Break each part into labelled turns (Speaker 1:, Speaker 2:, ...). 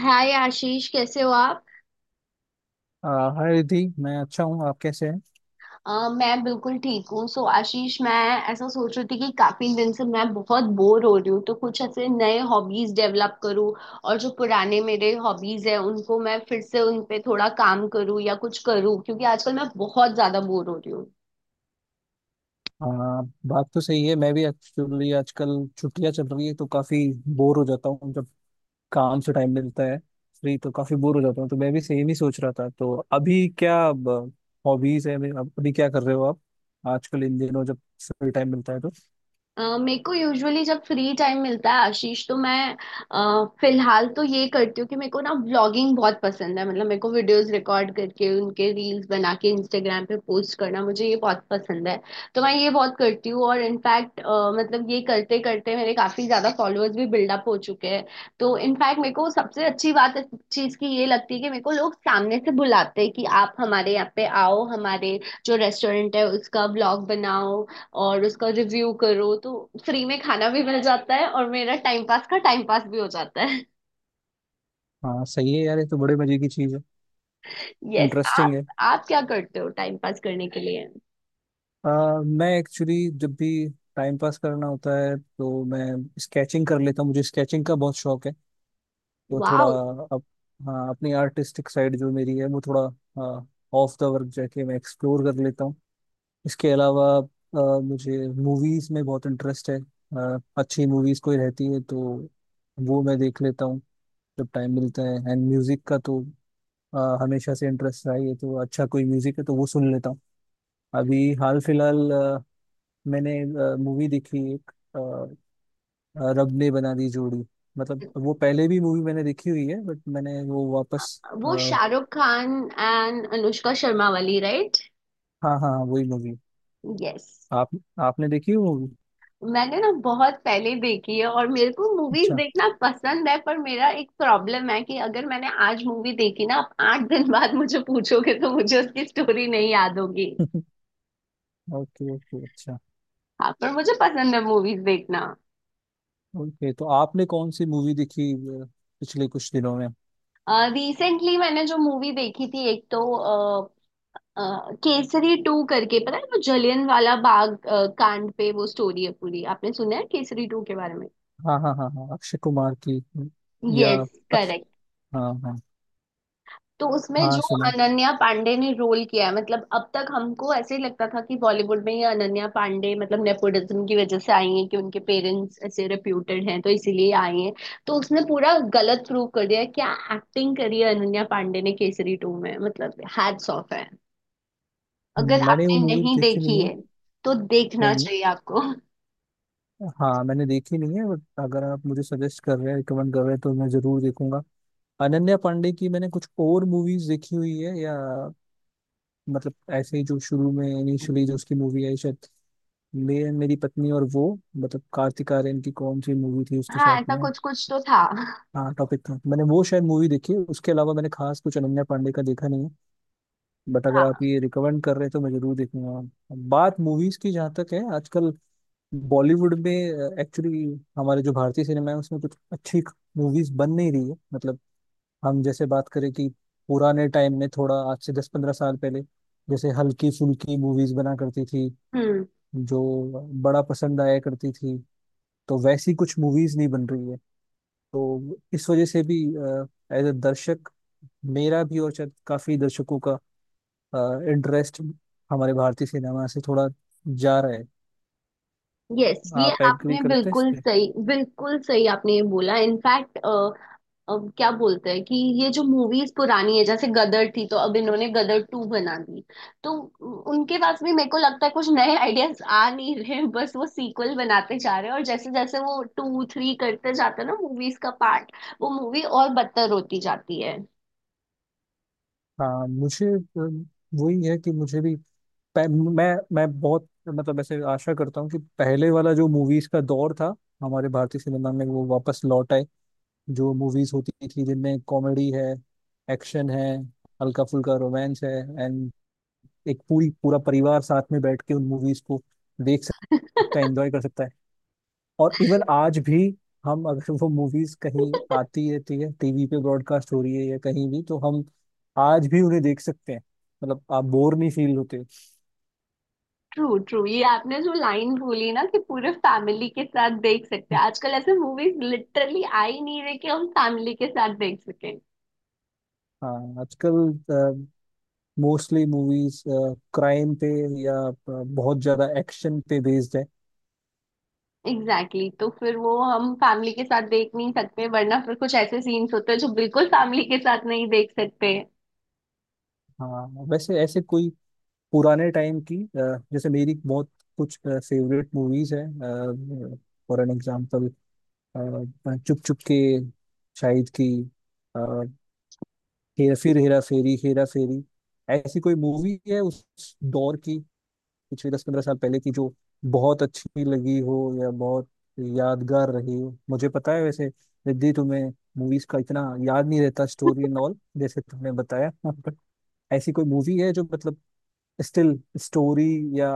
Speaker 1: हाय आशीष, कैसे हो आप।
Speaker 2: आ, हाय रिधि। मैं अच्छा हूँ। आप कैसे हैं?
Speaker 1: मैं बिल्कुल ठीक हूँ। सो आशीष, मैं ऐसा सोच रही थी कि काफी दिन से मैं बहुत बोर हो रही हूँ, तो कुछ ऐसे नए हॉबीज डेवलप करूँ और जो पुराने मेरे हॉबीज है उनको मैं फिर से उन पे थोड़ा काम करूँ या कुछ करूँ, क्योंकि आजकल मैं बहुत ज्यादा बोर हो रही हूँ।
Speaker 2: आ, बात तो सही है। मैं भी एक्चुअली आजकल छुट्टियाँ चल रही है तो काफी बोर हो जाता हूँ जब काम से टाइम मिलता है। फ्री तो काफी बोर हो जाता हूँ तो मैं भी सेम ही सोच रहा था। तो अभी क्या हॉबीज है मेरे- अब अभी क्या कर रहे हो आप? आजकल इन दिनों जब फ्री टाइम मिलता है तो।
Speaker 1: मेरे को यूजुअली जब फ्री टाइम मिलता है आशीष, तो मैं फिलहाल तो ये करती हूँ कि मेरे को ना व्लॉगिंग बहुत पसंद है। मतलब मेरे को वीडियोस रिकॉर्ड करके उनके रील्स बना के इंस्टाग्राम पे पोस्ट करना मुझे ये बहुत पसंद है। तो मैं ये बहुत करती हूँ, और इनफैक्ट मतलब ये करते करते मेरे काफी ज्यादा फॉलोअर्स भी बिल्डअप हो चुके हैं। तो इनफैक्ट मेरे को सबसे अच्छी बात इस चीज की ये लगती है कि मेरे को लोग सामने से बुलाते हैं कि आप हमारे यहाँ पे आओ, हमारे जो रेस्टोरेंट है उसका व्लॉग बनाओ और उसका रिव्यू करो। तो फ्री में खाना भी मिल जाता है और मेरा टाइम पास का टाइम पास भी हो जाता है।
Speaker 2: हाँ सही है यार, ये तो बड़े मजे की चीज़ है।
Speaker 1: यस।
Speaker 2: इंटरेस्टिंग है।
Speaker 1: आप क्या करते हो टाइम पास करने के लिए।
Speaker 2: मैं एक्चुअली जब भी टाइम पास करना होता है तो मैं स्केचिंग कर लेता हूँ। मुझे स्केचिंग का बहुत शौक है। तो थोड़ा
Speaker 1: वाह।
Speaker 2: अप, हाँ, अपनी आर्टिस्टिक साइड जो मेरी है वो थोड़ा, हाँ, ऑफ द वर्क जाके मैं एक्सप्लोर कर लेता हूँ। इसके अलावा मुझे मूवीज में बहुत इंटरेस्ट है। अच्छी मूवीज कोई रहती है तो वो मैं देख लेता हूँ जब टाइम मिलता है। एंड म्यूजिक का तो हमेशा से इंटरेस्ट रहा ही है, तो अच्छा कोई म्यूजिक है तो वो सुन लेता हूँ। अभी हाल फिलहाल मैंने मूवी देखी एक, रब ने बना दी जोड़ी। मतलब वो पहले भी मूवी मैंने देखी हुई है बट मैंने वो वापस
Speaker 1: वो
Speaker 2: हाँ।
Speaker 1: शाहरुख खान एंड अनुष्का शर्मा वाली, राइट।
Speaker 2: हाँ हाँ, वही मूवी।
Speaker 1: यस।
Speaker 2: आप आपने देखी वो मूवी?
Speaker 1: मैंने ना बहुत पहले देखी है, और मेरे को मूवीज
Speaker 2: अच्छा।
Speaker 1: देखना पसंद है, पर मेरा एक प्रॉब्लम है कि अगर मैंने आज मूवी देखी ना, आप 8 दिन बाद मुझे पूछोगे तो मुझे उसकी स्टोरी नहीं याद होगी।
Speaker 2: ओके ओके, अच्छा।
Speaker 1: हाँ, पर मुझे पसंद है मूवीज देखना।
Speaker 2: ओके तो आपने कौन सी मूवी देखी अ, पिछले कुछ दिनों में?
Speaker 1: रिसेंटली मैंने जो मूवी देखी थी एक, तो अ, अ, केसरी टू करके, पता है वो जलियन वाला बाग कांड पे वो स्टोरी है पूरी। आपने सुना है केसरी टू के बारे में।
Speaker 2: हाँ हाँ हाँ हाँ, अक्षय कुमार की। या
Speaker 1: यस,
Speaker 2: अक्ष-
Speaker 1: करेक्ट।
Speaker 2: हाँ हाँ।
Speaker 1: तो उसमें
Speaker 2: हाँ
Speaker 1: जो
Speaker 2: सुना है।
Speaker 1: अनन्या पांडे ने रोल किया है, मतलब अब तक हमको ऐसे ही लगता था कि बॉलीवुड में ये अनन्या पांडे मतलब नेपोटिज्म की वजह से आई है, कि उनके पेरेंट्स ऐसे रेप्यूटेड हैं तो इसीलिए आई हैं। तो उसने पूरा गलत प्रूव कर दिया, क्या एक्टिंग करी है अनन्या पांडे ने केसरी टू में। मतलब हैट्स ऑफ है। अगर
Speaker 2: मैंने वो
Speaker 1: आपने
Speaker 2: मूवी
Speaker 1: नहीं
Speaker 2: देखी
Speaker 1: देखी
Speaker 2: नहीं है।
Speaker 1: है तो देखना
Speaker 2: नहीं,
Speaker 1: चाहिए आपको।
Speaker 2: हाँ मैंने देखी नहीं है बट अगर आप मुझे सजेस्ट कर रहे हैं, रिकमेंड कर रहे हैं तो मैं जरूर देखूंगा। अनन्या पांडे की मैंने कुछ और मूवीज देखी हुई है, या मतलब ऐसे ही जो शुरू में इनिशियली जो उसकी मूवी आई शायद मैं, मेरी पत्नी और वो, मतलब कार्तिक आर्यन की कौन सी मूवी थी उसके
Speaker 1: हाँ,
Speaker 2: साथ
Speaker 1: ऐसा
Speaker 2: में?
Speaker 1: कुछ कुछ तो था।
Speaker 2: हाँ टॉपिक था, मैंने वो शायद मूवी देखी है। उसके अलावा मैंने खास कुछ अनन्या पांडे का देखा नहीं है। बट अगर आप
Speaker 1: हाँ।
Speaker 2: ये रिकमेंड कर रहे हैं तो मैं जरूर देखूंगा। बात मूवीज की जहाँ तक है, आजकल बॉलीवुड में एक्चुअली हमारे जो भारतीय सिनेमा है उसमें कुछ अच्छी मूवीज बन नहीं रही है। मतलब हम जैसे बात करें कि पुराने टाइम में, थोड़ा आज से 10-15 साल पहले, जैसे हल्की फुल्की मूवीज बना करती थी
Speaker 1: हम्म।
Speaker 2: जो बड़ा पसंद आया करती थी, तो वैसी कुछ मूवीज नहीं बन रही है। तो इस वजह से भी एज अ दर्शक मेरा भी और शायद काफी दर्शकों का इंटरेस्ट हमारे भारतीय सिनेमा से थोड़ा जा रहा है।
Speaker 1: यस, ये
Speaker 2: आप एग्री
Speaker 1: आपने
Speaker 2: करते हैं इस?
Speaker 1: बिल्कुल सही, बिल्कुल सही आपने ये बोला। इनफैक्ट क्या बोलते हैं कि ये जो मूवीज पुरानी है, जैसे गदर थी, तो अब इन्होंने गदर टू बना दी। तो उनके पास भी मेरे को लगता है कुछ नए आइडियाज आ नहीं रहे, बस वो सीक्वल बनाते जा रहे हैं, और जैसे जैसे वो टू थ्री करते जाते हैं ना मूवीज का पार्ट, वो मूवी और बदतर होती जाती है।
Speaker 2: हाँ, मुझे वही है कि मुझे भी पह- मैं मैं बहुत मतलब ऐसे आशा करता हूँ कि पहले वाला जो मूवीज का दौर था हमारे भारतीय सिनेमा में वो वापस लौट आए। जो मूवीज होती थी जिनमें कॉमेडी है, एक्शन है, हल्का फुल्का रोमांस है, एंड एक पूरी पूरा परिवार साथ में बैठ के उन मूवीज को देख सकता है, एंजॉय कर सकता है। और इवन आज भी हम अगर वो मूवीज कहीं आती रहती है, टीवी पे ब्रॉडकास्ट हो रही है या कहीं भी, तो हम आज भी उन्हें देख सकते हैं। मतलब आप बोर नहीं फील होते।
Speaker 1: ट्रू ट्रू, ये आपने जो लाइन बोली ना कि पूरे फैमिली के साथ देख सकते हैं, आजकल ऐसे मूवीज लिटरली आ ही नहीं रहे कि हम फैमिली के साथ देख सकें।
Speaker 2: हाँ आजकल मोस्टली मूवीज क्राइम पे या बहुत ज्यादा एक्शन पे बेस्ड है।
Speaker 1: Exactly, exactly. तो फिर वो हम फैमिली के साथ देख नहीं सकते, वरना फिर कुछ ऐसे सीन्स होते हैं जो बिल्कुल फैमिली के साथ नहीं देख सकते।
Speaker 2: हाँ वैसे ऐसे कोई पुराने टाइम की, जैसे मेरी बहुत कुछ फेवरेट मूवीज है, for an example Chup Chup के, शाहिद की, हेरा फेरी, हेरा फेरी, ऐसी कोई मूवी है उस दौर की, पिछले 10-15 साल पहले की, जो बहुत अच्छी लगी हो या बहुत यादगार रही हो? मुझे पता है वैसे रिद्धि तुम्हें मूवीज का इतना याद नहीं रहता, स्टोरी एंड ऑल, जैसे तुमने बताया, बट ऐसी कोई मूवी है जो मतलब स्टिल स्टोरी या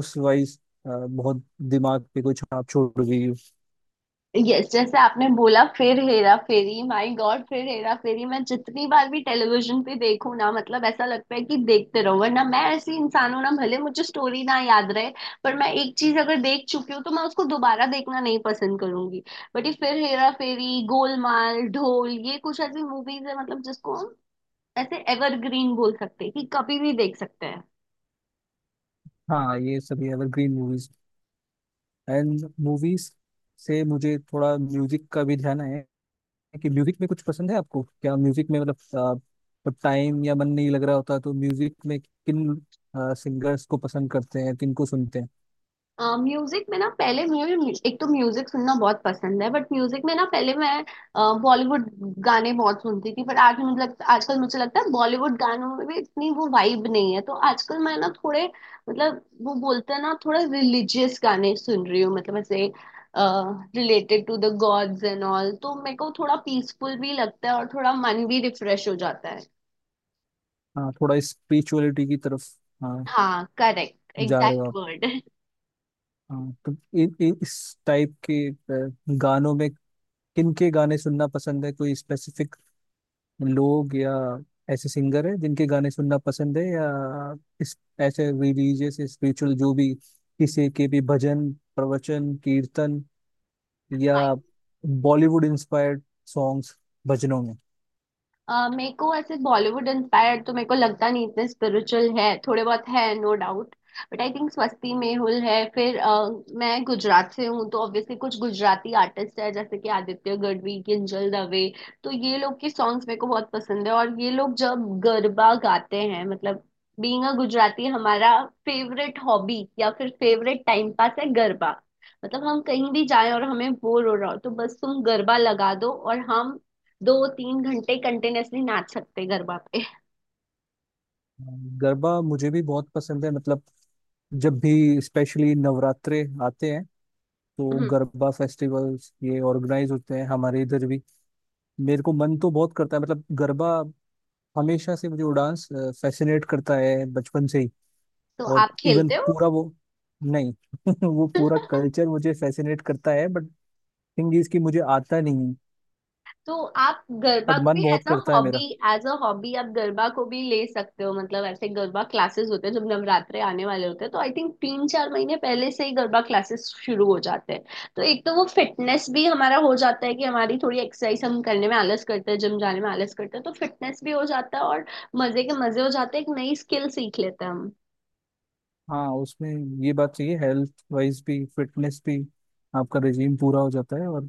Speaker 2: उस वाइज बहुत दिमाग पे कोई छाप छोड़ गई हो?
Speaker 1: यस, जैसे आपने बोला फिर हेरा फेरी, माय गॉड, फिर हेरा फेरी मैं जितनी बार भी टेलीविजन पे देखूं ना, मतलब ऐसा लगता है कि देखते रहो। वरना मैं ऐसी इंसान हूं ना, भले मुझे स्टोरी ना याद रहे, पर मैं एक चीज अगर देख चुकी हूँ तो मैं उसको दोबारा देखना नहीं पसंद करूंगी। बट ये फिर हेरा फेरी, गोलमाल, ढोल, ये कुछ ऐसी मूवीज है मतलब जिसको हम ऐसे एवरग्रीन बोल सकते हैं, कि कभी भी देख सकते हैं।
Speaker 2: हाँ ये सभी एवरग्रीन मूवीज। एंड मूवीज से मुझे थोड़ा म्यूजिक का भी ध्यान है कि म्यूजिक में कुछ पसंद है आपको? क्या म्यूजिक में मतलब टाइम या मन नहीं लग रहा होता तो म्यूजिक में किन सिंगर्स को पसंद करते हैं, किन को सुनते हैं?
Speaker 1: म्यूजिक में ना, पहले मुझे एक तो म्यूजिक सुनना बहुत पसंद है, बट म्यूजिक में ना पहले मैं बॉलीवुड गाने बहुत सुनती थी, बट आज मुझे लगता आजकल मुझे लगता है बॉलीवुड गानों में भी इतनी वो वाइब नहीं है। तो आजकल मैं ना थोड़े मतलब वो बोलते हैं ना, थोड़ा रिलीजियस गाने सुन रही हूँ, मतलब ऐसे related to the gods and all. तो मेरे को थोड़ा पीसफुल भी लगता है और थोड़ा मन भी रिफ्रेश हो जाता है।
Speaker 2: हाँ थोड़ा स्पिरिचुअलिटी की तरफ, हाँ,
Speaker 1: हाँ, करेक्ट,
Speaker 2: जा रहे हो
Speaker 1: एग्जैक्ट
Speaker 2: आप।
Speaker 1: वर्ड।
Speaker 2: हाँ तो इ, इ, इस टाइप के गानों में किन के गाने सुनना पसंद है? कोई स्पेसिफिक लोग या ऐसे सिंगर है जिनके गाने सुनना पसंद है, या इस ऐसे रिलीजियस स्पिरिचुअल जो भी किसी के भी भजन, प्रवचन, कीर्तन या बॉलीवुड इंस्पायर्ड सॉन्ग्स भजनों में?
Speaker 1: मेरे को ऐसे बॉलीवुड इंस्पायर्ड तो मेरे को लगता नहीं इतने स्पिरिचुअल है, थोड़े बहुत है no doubt. But I think Swasti Mehul है, फिर मैं गुजरात से हूँ, तो ऑब्वियसली कुछ गुजराती आर्टिस्ट है, जैसे कि आदित्य गढ़वी, किंजल दवे। तो ये लोग के सॉन्ग्स मेरे को बहुत पसंद है, और ये लोग जब गरबा गाते हैं, मतलब बीइंग अ गुजराती हमारा फेवरेट हॉबी या फिर फेवरेट टाइम पास है गरबा। मतलब हम कहीं भी जाएं और हमें बोर हो रहा हो, तो बस तुम गरबा लगा दो और हम 2 3 घंटे कंटिन्यूअसली नाच सकते गरबा पे।
Speaker 2: गरबा मुझे भी बहुत पसंद है। मतलब जब भी स्पेशली नवरात्रे आते हैं तो
Speaker 1: हम्म।
Speaker 2: गरबा फेस्टिवल्स ये ऑर्गेनाइज होते हैं हमारे इधर भी। मेरे को मन तो बहुत करता है मतलब गरबा। हमेशा से मुझे वो डांस फैसिनेट करता है बचपन से ही।
Speaker 1: तो
Speaker 2: और
Speaker 1: आप
Speaker 2: इवन
Speaker 1: खेलते हो।
Speaker 2: पूरा वो, नहीं, वो पूरा कल्चर मुझे फैसिनेट करता है। बट थिंग इज कि मुझे आता नहीं।
Speaker 1: तो आप गरबा
Speaker 2: बट
Speaker 1: को भी
Speaker 2: मन बहुत
Speaker 1: एज अ
Speaker 2: करता है मेरा।
Speaker 1: हॉबी, एज अ हॉबी आप गरबा को भी ले सकते हो। मतलब ऐसे गरबा क्लासेस होते हैं जब नवरात्रे आने वाले होते हैं, तो आई थिंक 3 4 महीने पहले से ही गरबा क्लासेस शुरू हो जाते हैं। तो एक तो वो फिटनेस भी हमारा हो जाता है, कि हमारी थोड़ी एक्सरसाइज हम करने में आलस करते हैं, जिम जाने में आलस करते हैं, तो फिटनेस भी हो जाता है, और मजे के मजे हो जाते हैं, एक नई स्किल सीख लेते हैं हम।
Speaker 2: हाँ उसमें ये बात चाहिए, हेल्थ वाइज भी, फिटनेस भी, आपका रिजीम पूरा हो जाता है और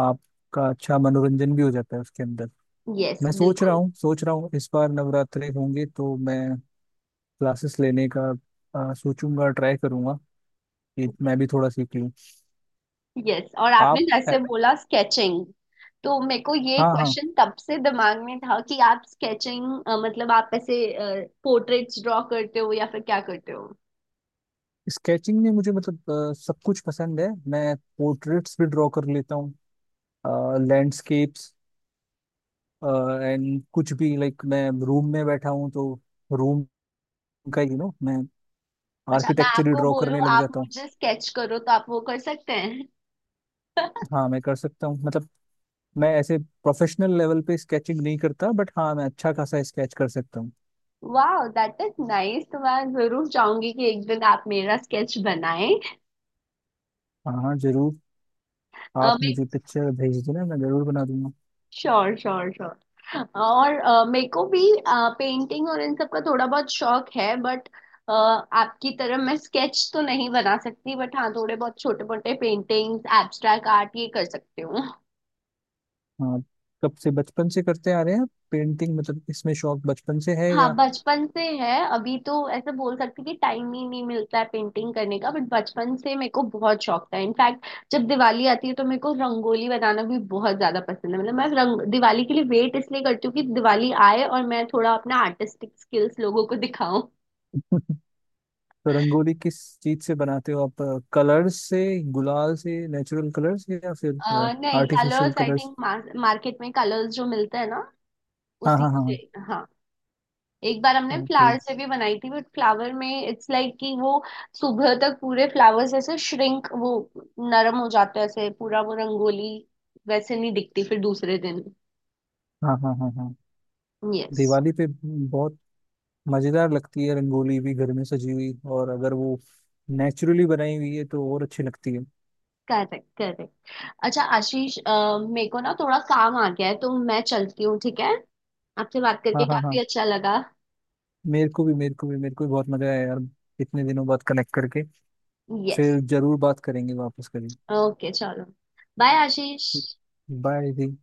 Speaker 2: आपका अच्छा मनोरंजन भी हो जाता है उसके अंदर।
Speaker 1: यस,
Speaker 2: मैं सोच रहा
Speaker 1: बिल्कुल।
Speaker 2: हूँ सोच रहा हूँ इस बार नवरात्रे होंगे तो मैं क्लासेस लेने का सोचूंगा, ट्राई करूंगा कि मैं भी थोड़ा सीख लूँ।
Speaker 1: यस, और आपने
Speaker 2: आप
Speaker 1: जैसे बोला स्केचिंग, तो मेरे को ये
Speaker 2: हाँ हाँ।
Speaker 1: क्वेश्चन तब से दिमाग में था कि आप स्केचिंग, मतलब आप ऐसे पोर्ट्रेट्स ड्रॉ करते हो या फिर क्या करते हो।
Speaker 2: स्केचिंग में मुझे मतलब सब कुछ पसंद है। मैं पोर्ट्रेट्स भी ड्रॉ कर लेता हूँ, लैंडस्केप्स एंड कुछ भी। लाइक मैं रूम में बैठा हूँ तो रूम का, मैं
Speaker 1: अच्छा, मैं
Speaker 2: आर्किटेक्चर ही
Speaker 1: आपको
Speaker 2: ड्रॉ
Speaker 1: बोलूं
Speaker 2: करने लग
Speaker 1: आप
Speaker 2: जाता हूँ।
Speaker 1: मुझे स्केच करो, तो आप वो कर सकते हैं।
Speaker 2: हाँ मैं कर सकता हूँ मतलब मैं ऐसे प्रोफेशनल लेवल पे स्केचिंग नहीं करता बट हाँ मैं अच्छा खासा स्केच कर सकता हूँ।
Speaker 1: वाह, दैट इज नाइस। तो मैं जरूर चाहूंगी कि एक दिन आप मेरा स्केच बनाएं।
Speaker 2: हाँ हाँ, जरूर। आप मुझे पिक्चर भेज देना, मैं जरूर बना दूंगा।
Speaker 1: Sure, sure, sure. और मेरे को भी पेंटिंग और इन सब का थोड़ा बहुत शौक है, बट आपकी तरह मैं स्केच तो नहीं बना सकती, बट हाँ थोड़े बहुत छोटे मोटे पेंटिंग्स, एब्स्ट्रैक्ट आर्ट ये कर सकती हूँ।
Speaker 2: हाँ कब से, बचपन से करते आ रहे हैं पेंटिंग? मतलब इसमें शौक बचपन से है
Speaker 1: हाँ,
Speaker 2: या?
Speaker 1: बचपन से है। अभी तो ऐसे बोल सकती कि टाइम ही नहीं मिलता है पेंटिंग करने का, बट बचपन से मेरे को बहुत शौक था। इनफैक्ट जब दिवाली आती है तो मेरे को रंगोली बनाना भी बहुत ज्यादा पसंद है। मतलब मैं रंग दिवाली के लिए वेट इसलिए करती हूँ कि दिवाली आए और मैं थोड़ा अपना आर्टिस्टिक स्किल्स लोगों को दिखाऊं।
Speaker 2: तो रंगोली किस चीज से बनाते हो आप? कलर्स से, गुलाल से, नेचुरल कलर्स या फिर
Speaker 1: नहीं,
Speaker 2: artificial
Speaker 1: colours, I
Speaker 2: colours?
Speaker 1: Think market में कलर्स जो मिलते हैं ना,
Speaker 2: हाँ
Speaker 1: उसी
Speaker 2: हाँ
Speaker 1: से।
Speaker 2: हाँ।
Speaker 1: हाँ। एक बार
Speaker 2: ओके
Speaker 1: हमने
Speaker 2: हाँ,
Speaker 1: फ्लावर
Speaker 2: okay,
Speaker 1: से भी बनाई थी, बट फ्लावर में इट्स लाइक कि वो सुबह तक पूरे फ्लावर्स ऐसे श्रिंक, वो नरम हो जाते हैं, ऐसे पूरा वो रंगोली वैसे नहीं दिखती फिर दूसरे दिन।
Speaker 2: हाँ हाँ हाँ हाँ।
Speaker 1: यस,
Speaker 2: दिवाली पे बहुत मजेदार लगती है रंगोली भी, घर में सजी हुई, और अगर वो नेचुरली बनाई हुई है तो और अच्छी लगती है।
Speaker 1: Correct, correct. अच्छा आशीष, मेरे को ना थोड़ा काम आ गया है, तो मैं चलती हूँ, ठीक है। आपसे बात
Speaker 2: हाँ
Speaker 1: करके
Speaker 2: हाँ
Speaker 1: काफी
Speaker 2: हाँ।
Speaker 1: अच्छा लगा।
Speaker 2: मेरे को भी मेरे को भी मेरे को भी बहुत मजा आया यार इतने दिनों बाद कनेक्ट करके।
Speaker 1: यस,
Speaker 2: फिर जरूर बात करेंगे, वापस करेंगे।
Speaker 1: ओके, चलो। बाय आशीष।
Speaker 2: बाय दी।